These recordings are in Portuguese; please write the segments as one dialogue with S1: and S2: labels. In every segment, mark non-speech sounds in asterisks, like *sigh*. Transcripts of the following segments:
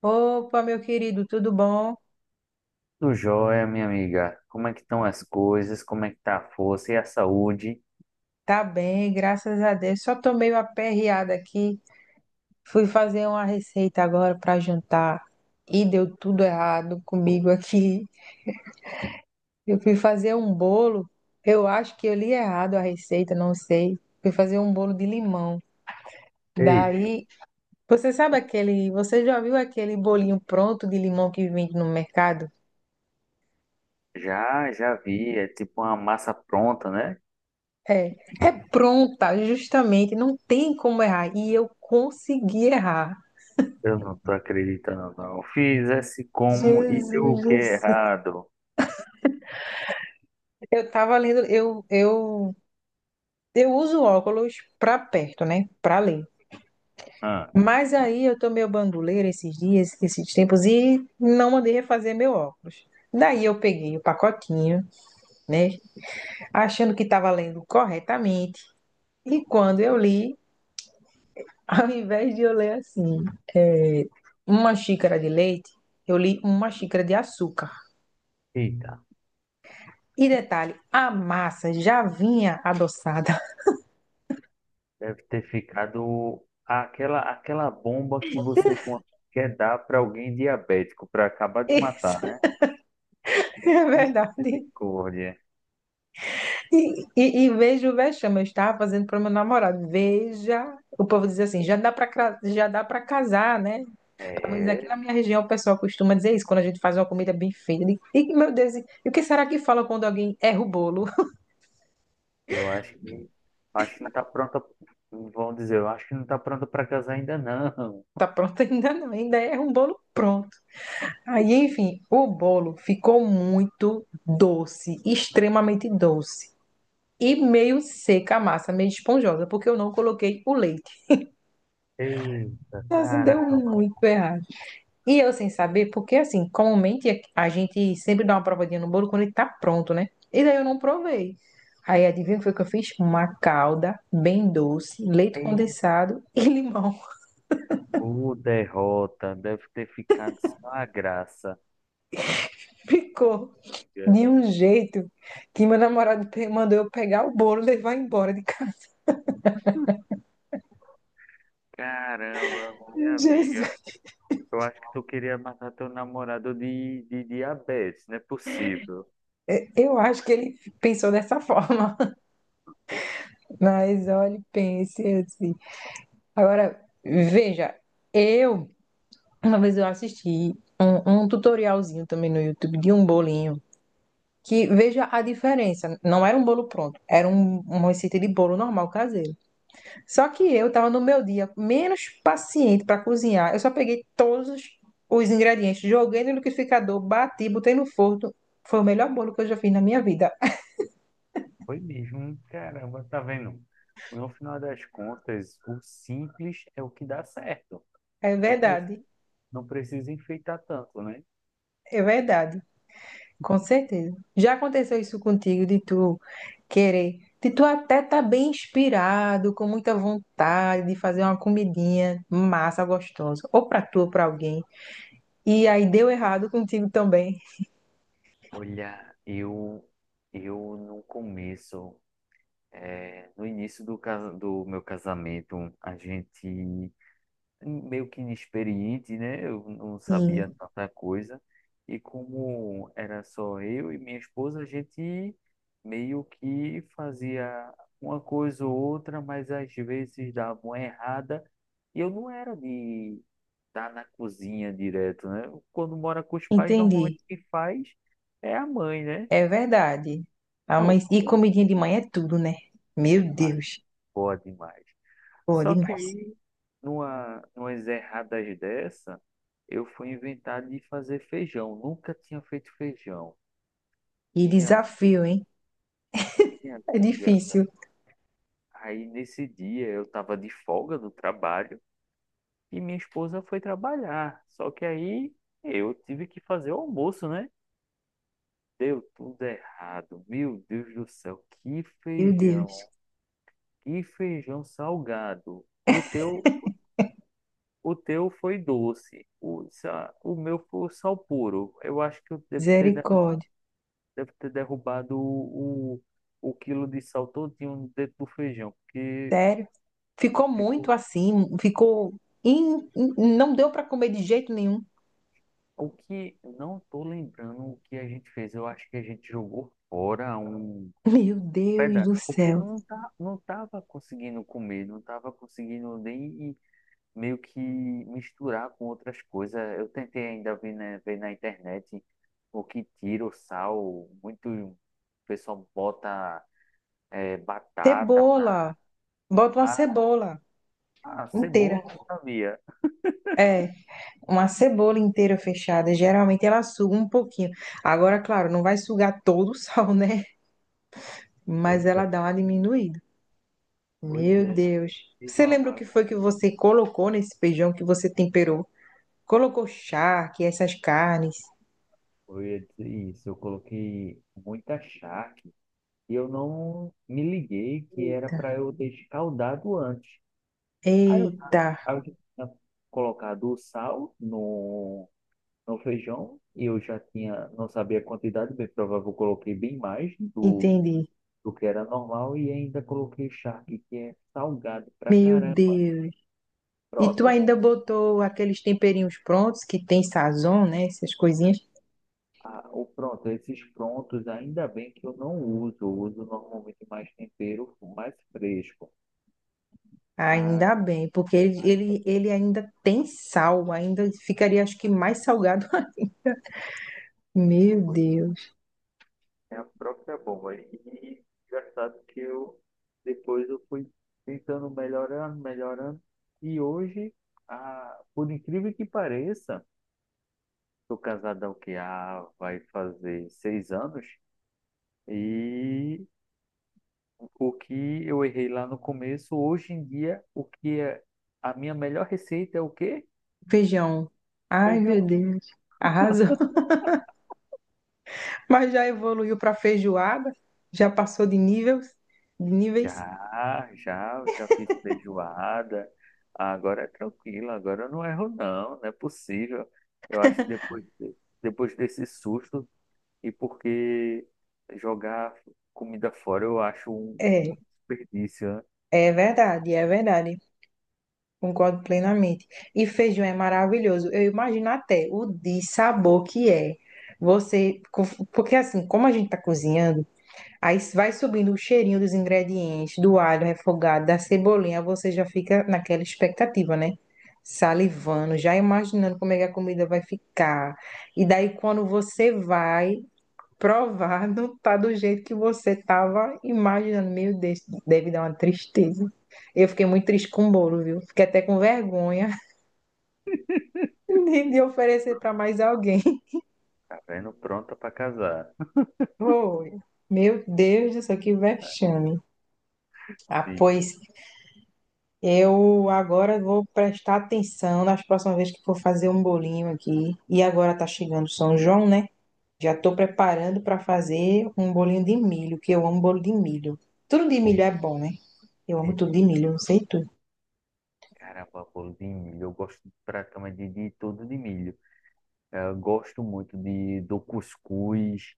S1: Opa, meu querido, tudo bom?
S2: Tudo jóia, minha amiga. Como é que estão as coisas? Como é que tá a força e a saúde?
S1: Tá bem, graças a Deus. Só tô meio aperreada aqui. Fui fazer uma receita agora para jantar e deu tudo errado comigo aqui. Eu fui fazer um bolo, eu acho que eu li errado a receita, não sei. Fui fazer um bolo de limão.
S2: Eita,
S1: Daí, você sabe aquele, você já viu aquele bolinho pronto de limão que vende no mercado?
S2: já vi, é tipo uma massa pronta, né?
S1: É, é pronta, justamente, não tem como errar. E eu consegui errar.
S2: Eu não tô acreditando, não. Fiz esse como e deu o
S1: Jesus
S2: que
S1: do céu.
S2: errado?
S1: Eu tava lendo, eu uso óculos pra perto, né? Pra ler.
S2: Ah,
S1: Mas aí eu tomei o banduleiro esses dias, esses tempos, e não mandei refazer meu óculos. Daí eu peguei o pacotinho, né? Achando que estava lendo corretamente. E quando eu li, *laughs* ao invés de eu ler assim, uma xícara de leite, eu li uma xícara de açúcar.
S2: eita,
S1: E detalhe, a massa já vinha adoçada.
S2: deve ter ficado aquela bomba que você quer dar para alguém diabético, para acabar
S1: *laughs*
S2: de matar,
S1: Isso
S2: né?
S1: é verdade.
S2: Misericórdia.
S1: E veja o vexame, eu estava fazendo para meu namorado. Veja, o povo diz assim, já dá para casar, né? Pelo menos aqui na
S2: É,
S1: minha região o pessoal costuma dizer isso quando a gente faz uma comida bem feita. E meu Deus, e o que será que fala quando alguém erra o bolo? *laughs*
S2: eu acho que não tá pronta, vão dizer, eu acho que não tá pronta para casar ainda não.
S1: Tá pronto ainda não, ainda erra um bolo pronto. Aí, enfim, o bolo ficou muito doce, extremamente doce. E meio seca a massa, meio esponjosa, porque eu não coloquei o leite.
S2: Eita,
S1: Nossa, deu
S2: caramba.
S1: muito errado. E eu sem saber, porque assim, comumente a gente sempre dá uma provadinha no bolo quando ele tá pronto, né? E daí eu não provei. Aí adivinha o que foi que eu fiz? Uma calda bem doce, leite
S2: E
S1: condensado e limão.
S2: o derrota deve ter ficado só a graça.
S1: *laughs* Ficou
S2: Amiga.
S1: de um jeito que meu namorado mandou eu pegar o bolo e levar embora de casa.
S2: Caramba, minha
S1: *laughs* Jesus,
S2: amiga. Eu acho que tu queria matar teu namorado de diabetes, não é possível.
S1: eu acho que ele pensou dessa *laughs* forma. Mas olha, pense assim. Agora, veja, eu. Uma vez eu assisti um tutorialzinho também no YouTube de um bolinho, que veja a diferença. Não era um bolo pronto, era uma receita de bolo normal caseiro. Só que eu tava no meu dia menos paciente para cozinhar. Eu só peguei todos os ingredientes, joguei no liquidificador, bati, botei no forno. Foi o melhor bolo que eu já fiz na minha vida.
S2: Foi mesmo, caramba, tá vendo? No final das contas, o simples é o que dá certo.
S1: É
S2: Não,
S1: verdade,
S2: não precisa enfeitar tanto, né?
S1: é verdade. Com certeza. Já aconteceu isso contigo, de tu querer, de tu até tá bem inspirado, com muita vontade de fazer uma comidinha massa, gostosa, ou pra tu ou pra alguém. E aí deu errado contigo também.
S2: Olha, eu no começo, é, no início do meu casamento, a gente meio que inexperiente, né? Eu não sabia
S1: Sim,
S2: tanta coisa. E como era só eu e minha esposa, a gente meio que fazia uma coisa ou outra, mas às vezes dava uma errada. E eu não era de estar na cozinha direto, né? Quando mora com os pais, normalmente
S1: entendi.
S2: quem faz é a mãe, né?
S1: É verdade. Ah,
S2: Oh,
S1: mas e comidinha de manhã é tudo, né? Meu
S2: é fácil.
S1: Deus.
S2: Boa demais.
S1: Pô,
S2: Só que
S1: demais.
S2: aí, numas erradas dessa, eu fui inventar de fazer feijão. Nunca tinha feito feijão.
S1: E
S2: Minha,
S1: desafio, hein?
S2: minha
S1: É
S2: amiga.
S1: difícil.
S2: Aí nesse dia eu tava de folga do trabalho e minha esposa foi trabalhar. Só que aí eu tive que fazer o almoço, né? Deu tudo errado. Meu Deus do céu, que
S1: Meu
S2: feijão.
S1: Deus.
S2: Que feijão salgado. O teu foi doce, o meu foi sal puro. Eu acho que eu
S1: Misericórdia.
S2: devo ter derrubado o quilo de sal todinho dentro do feijão, porque
S1: Sério? Ficou muito
S2: ficou.
S1: assim, ficou. Não deu para comer de jeito nenhum.
S2: O que não tô lembrando o que a gente fez. Eu acho que a gente jogou fora um
S1: *laughs* Meu Deus
S2: pedaço,
S1: do
S2: porque
S1: céu.
S2: não tava conseguindo comer, não tava conseguindo nem meio que misturar com outras coisas. Eu tentei ainda ver, né, ver na internet o que tira o sal. Muito o pessoal bota é, batata pra...
S1: Cebola. Bota uma
S2: Ah,
S1: cebola
S2: ah, cebola
S1: inteira.
S2: eu não sabia.
S1: É, uma cebola inteira fechada. Geralmente ela suga um pouquinho. Agora, claro, não vai sugar todo o *laughs* sal, né? Mas
S2: Pois
S1: ela
S2: é,
S1: dá uma diminuída.
S2: pois
S1: Meu
S2: é.
S1: Deus.
S2: Fiz
S1: Você
S2: uma
S1: lembra o que
S2: mágoa.
S1: foi que você colocou nesse feijão que você temperou? Colocou charque, essas carnes.
S2: Eu ia dizer isso. Eu coloquei muita charque e eu não me liguei que era para eu ter escaldado antes. Aí eu,
S1: Eita,
S2: aí eu tinha colocado o sal no feijão e eu já tinha, não sabia a quantidade, bem provável eu coloquei bem mais
S1: entendi.
S2: do que era normal e ainda coloquei charque, que é salgado pra
S1: Meu
S2: caramba.
S1: Deus. E tu
S2: Pronto.
S1: ainda botou aqueles temperinhos prontos que tem sazon, né? Essas coisinhas.
S2: Ah, esses prontos, ainda bem que eu não uso, eu uso normalmente mais tempero, mais fresco. Ah,
S1: Ainda bem, porque ele,
S2: ainda
S1: ele,
S2: bem,
S1: ele ainda tem sal, ainda ficaria, acho que, mais salgado. *laughs* Meu
S2: foi.
S1: Deus.
S2: É a própria bomba. E engraçado que eu depois eu fui tentando melhorando, melhorando. E hoje, ah, por incrível que pareça, tô casado há o que vai fazer 6 anos. E o que eu errei lá no começo, hoje em dia, o que é a minha melhor receita é o quê?
S1: Feijão. Ai, meu
S2: Feijão.
S1: Deus. Arrasou. *laughs* Mas já evoluiu para feijoada, já passou de níveis, de níveis.
S2: Já fiz feijoada. Agora é tranquilo, agora eu não erro não, não é possível. Eu acho que depois, depois desse susto, e porque jogar comida fora eu acho
S1: É,
S2: um desperdício, né?
S1: é verdade, é verdade. Concordo plenamente. E feijão é maravilhoso. Eu imagino até o de sabor que é. Você, porque assim, como a gente tá cozinhando, aí vai subindo o cheirinho dos ingredientes, do alho refogado, da cebolinha, você já fica naquela expectativa, né? Salivando, já imaginando como é que a comida vai ficar. E daí quando você vai, provar não tá do jeito que você tava imaginando. Meu Deus, deve dar uma tristeza. Eu fiquei muito triste com o bolo, viu? Fiquei até com vergonha *laughs* de oferecer para mais alguém. *laughs*
S2: Tá vendo? Pronta para casar.
S1: Foi. Meu Deus do céu, que vexame. Ah,
S2: Sim.
S1: pois eu agora vou prestar atenção nas próximas vezes que for fazer um bolinho aqui. E agora tá chegando São João, né? Já tô preparando para fazer um bolinho de milho, que eu amo bolo de milho. Tudo de milho é bom, né? Eu amo
S2: É,
S1: tudo de milho, não sei tu.
S2: caramba, bolo de milho. Eu gosto pra cama de tudo de milho. É, eu gosto muito do cuscuz,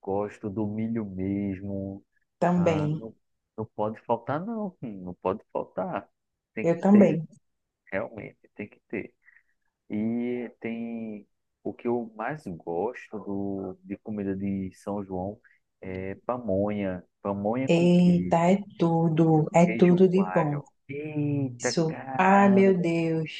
S2: gosto do milho mesmo. Ah,
S1: Também,
S2: não, não pode faltar, não. Não pode faltar. Tem
S1: eu
S2: que ter,
S1: também.
S2: realmente, tem que ter. E tem o que eu mais gosto de comida de São João é pamonha. Pamonha com
S1: Eita,
S2: queijo. Com
S1: é
S2: queijo
S1: tudo de bom.
S2: coalho. Eita,
S1: Isso, ai meu
S2: caramba!
S1: Deus,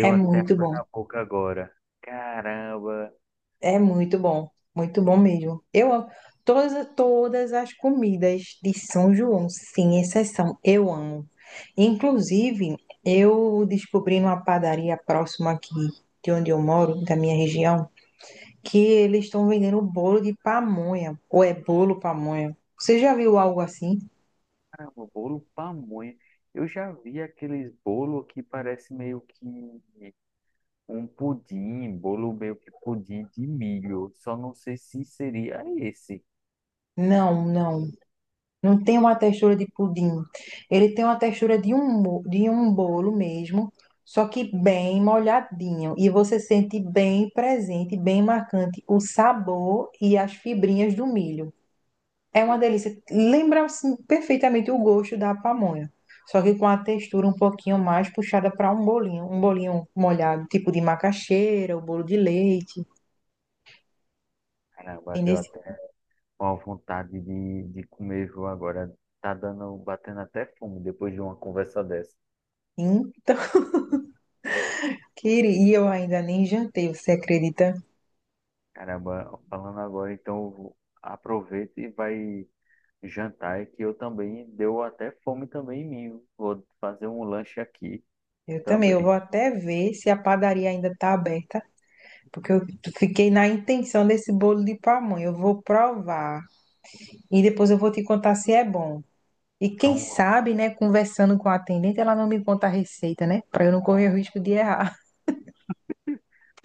S1: é
S2: até
S1: muito
S2: água
S1: bom,
S2: na boca agora. Caramba,
S1: é muito bom mesmo. Eu amo todas, todas as comidas de São João, sem exceção, eu amo. Inclusive, eu descobri numa padaria próxima aqui de onde eu moro, da minha região, que eles estão vendendo bolo de pamonha, ou é bolo pamonha. Você já viu algo assim?
S2: caramba, bolo pamonha. Eu já vi aqueles bolo que parece meio que um pudim, bolo meio que pudim de milho. Só não sei se seria esse.
S1: Não, não. Não tem uma textura de pudim. Ele tem uma textura de um, de um bolo mesmo, só que bem molhadinho. E você sente bem presente, bem marcante o sabor e as fibrinhas do milho. É uma
S2: Poxa,
S1: delícia. Lembra assim, perfeitamente o gosto da pamonha. Só que com a textura um pouquinho mais puxada para um bolinho. Um bolinho molhado, tipo de macaxeira, o bolo de leite.
S2: caramba, deu
S1: Entendeu?
S2: até uma vontade de comer, viu, agora. Tá dando, batendo até fome depois de uma conversa dessa.
S1: Então, *laughs* queria, e eu ainda nem jantei, você acredita?
S2: Caramba, falando agora, então eu aproveita e vai jantar é que eu também deu até fome também em mim. Vou fazer um lanche aqui
S1: Eu também, eu vou
S2: também.
S1: até ver se a padaria ainda está aberta, porque eu fiquei na intenção desse bolo de pamonha. Eu vou provar e depois eu vou te contar se é bom. E quem
S2: Pronto,
S1: sabe, né, conversando com a atendente, ela não me conta a receita, né? Para eu não correr o risco de errar. *laughs*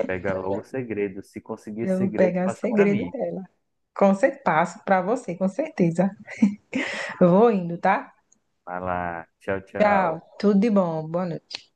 S2: pega logo o segredo. Se conseguir
S1: Eu vou
S2: segredo,
S1: pegar o
S2: passa para
S1: segredo
S2: mim.
S1: dela. Com certeza, passo para você, com certeza. Eu vou indo, tá?
S2: Vai lá, tchau,
S1: Tchau,
S2: tchau.
S1: tudo de bom, boa noite.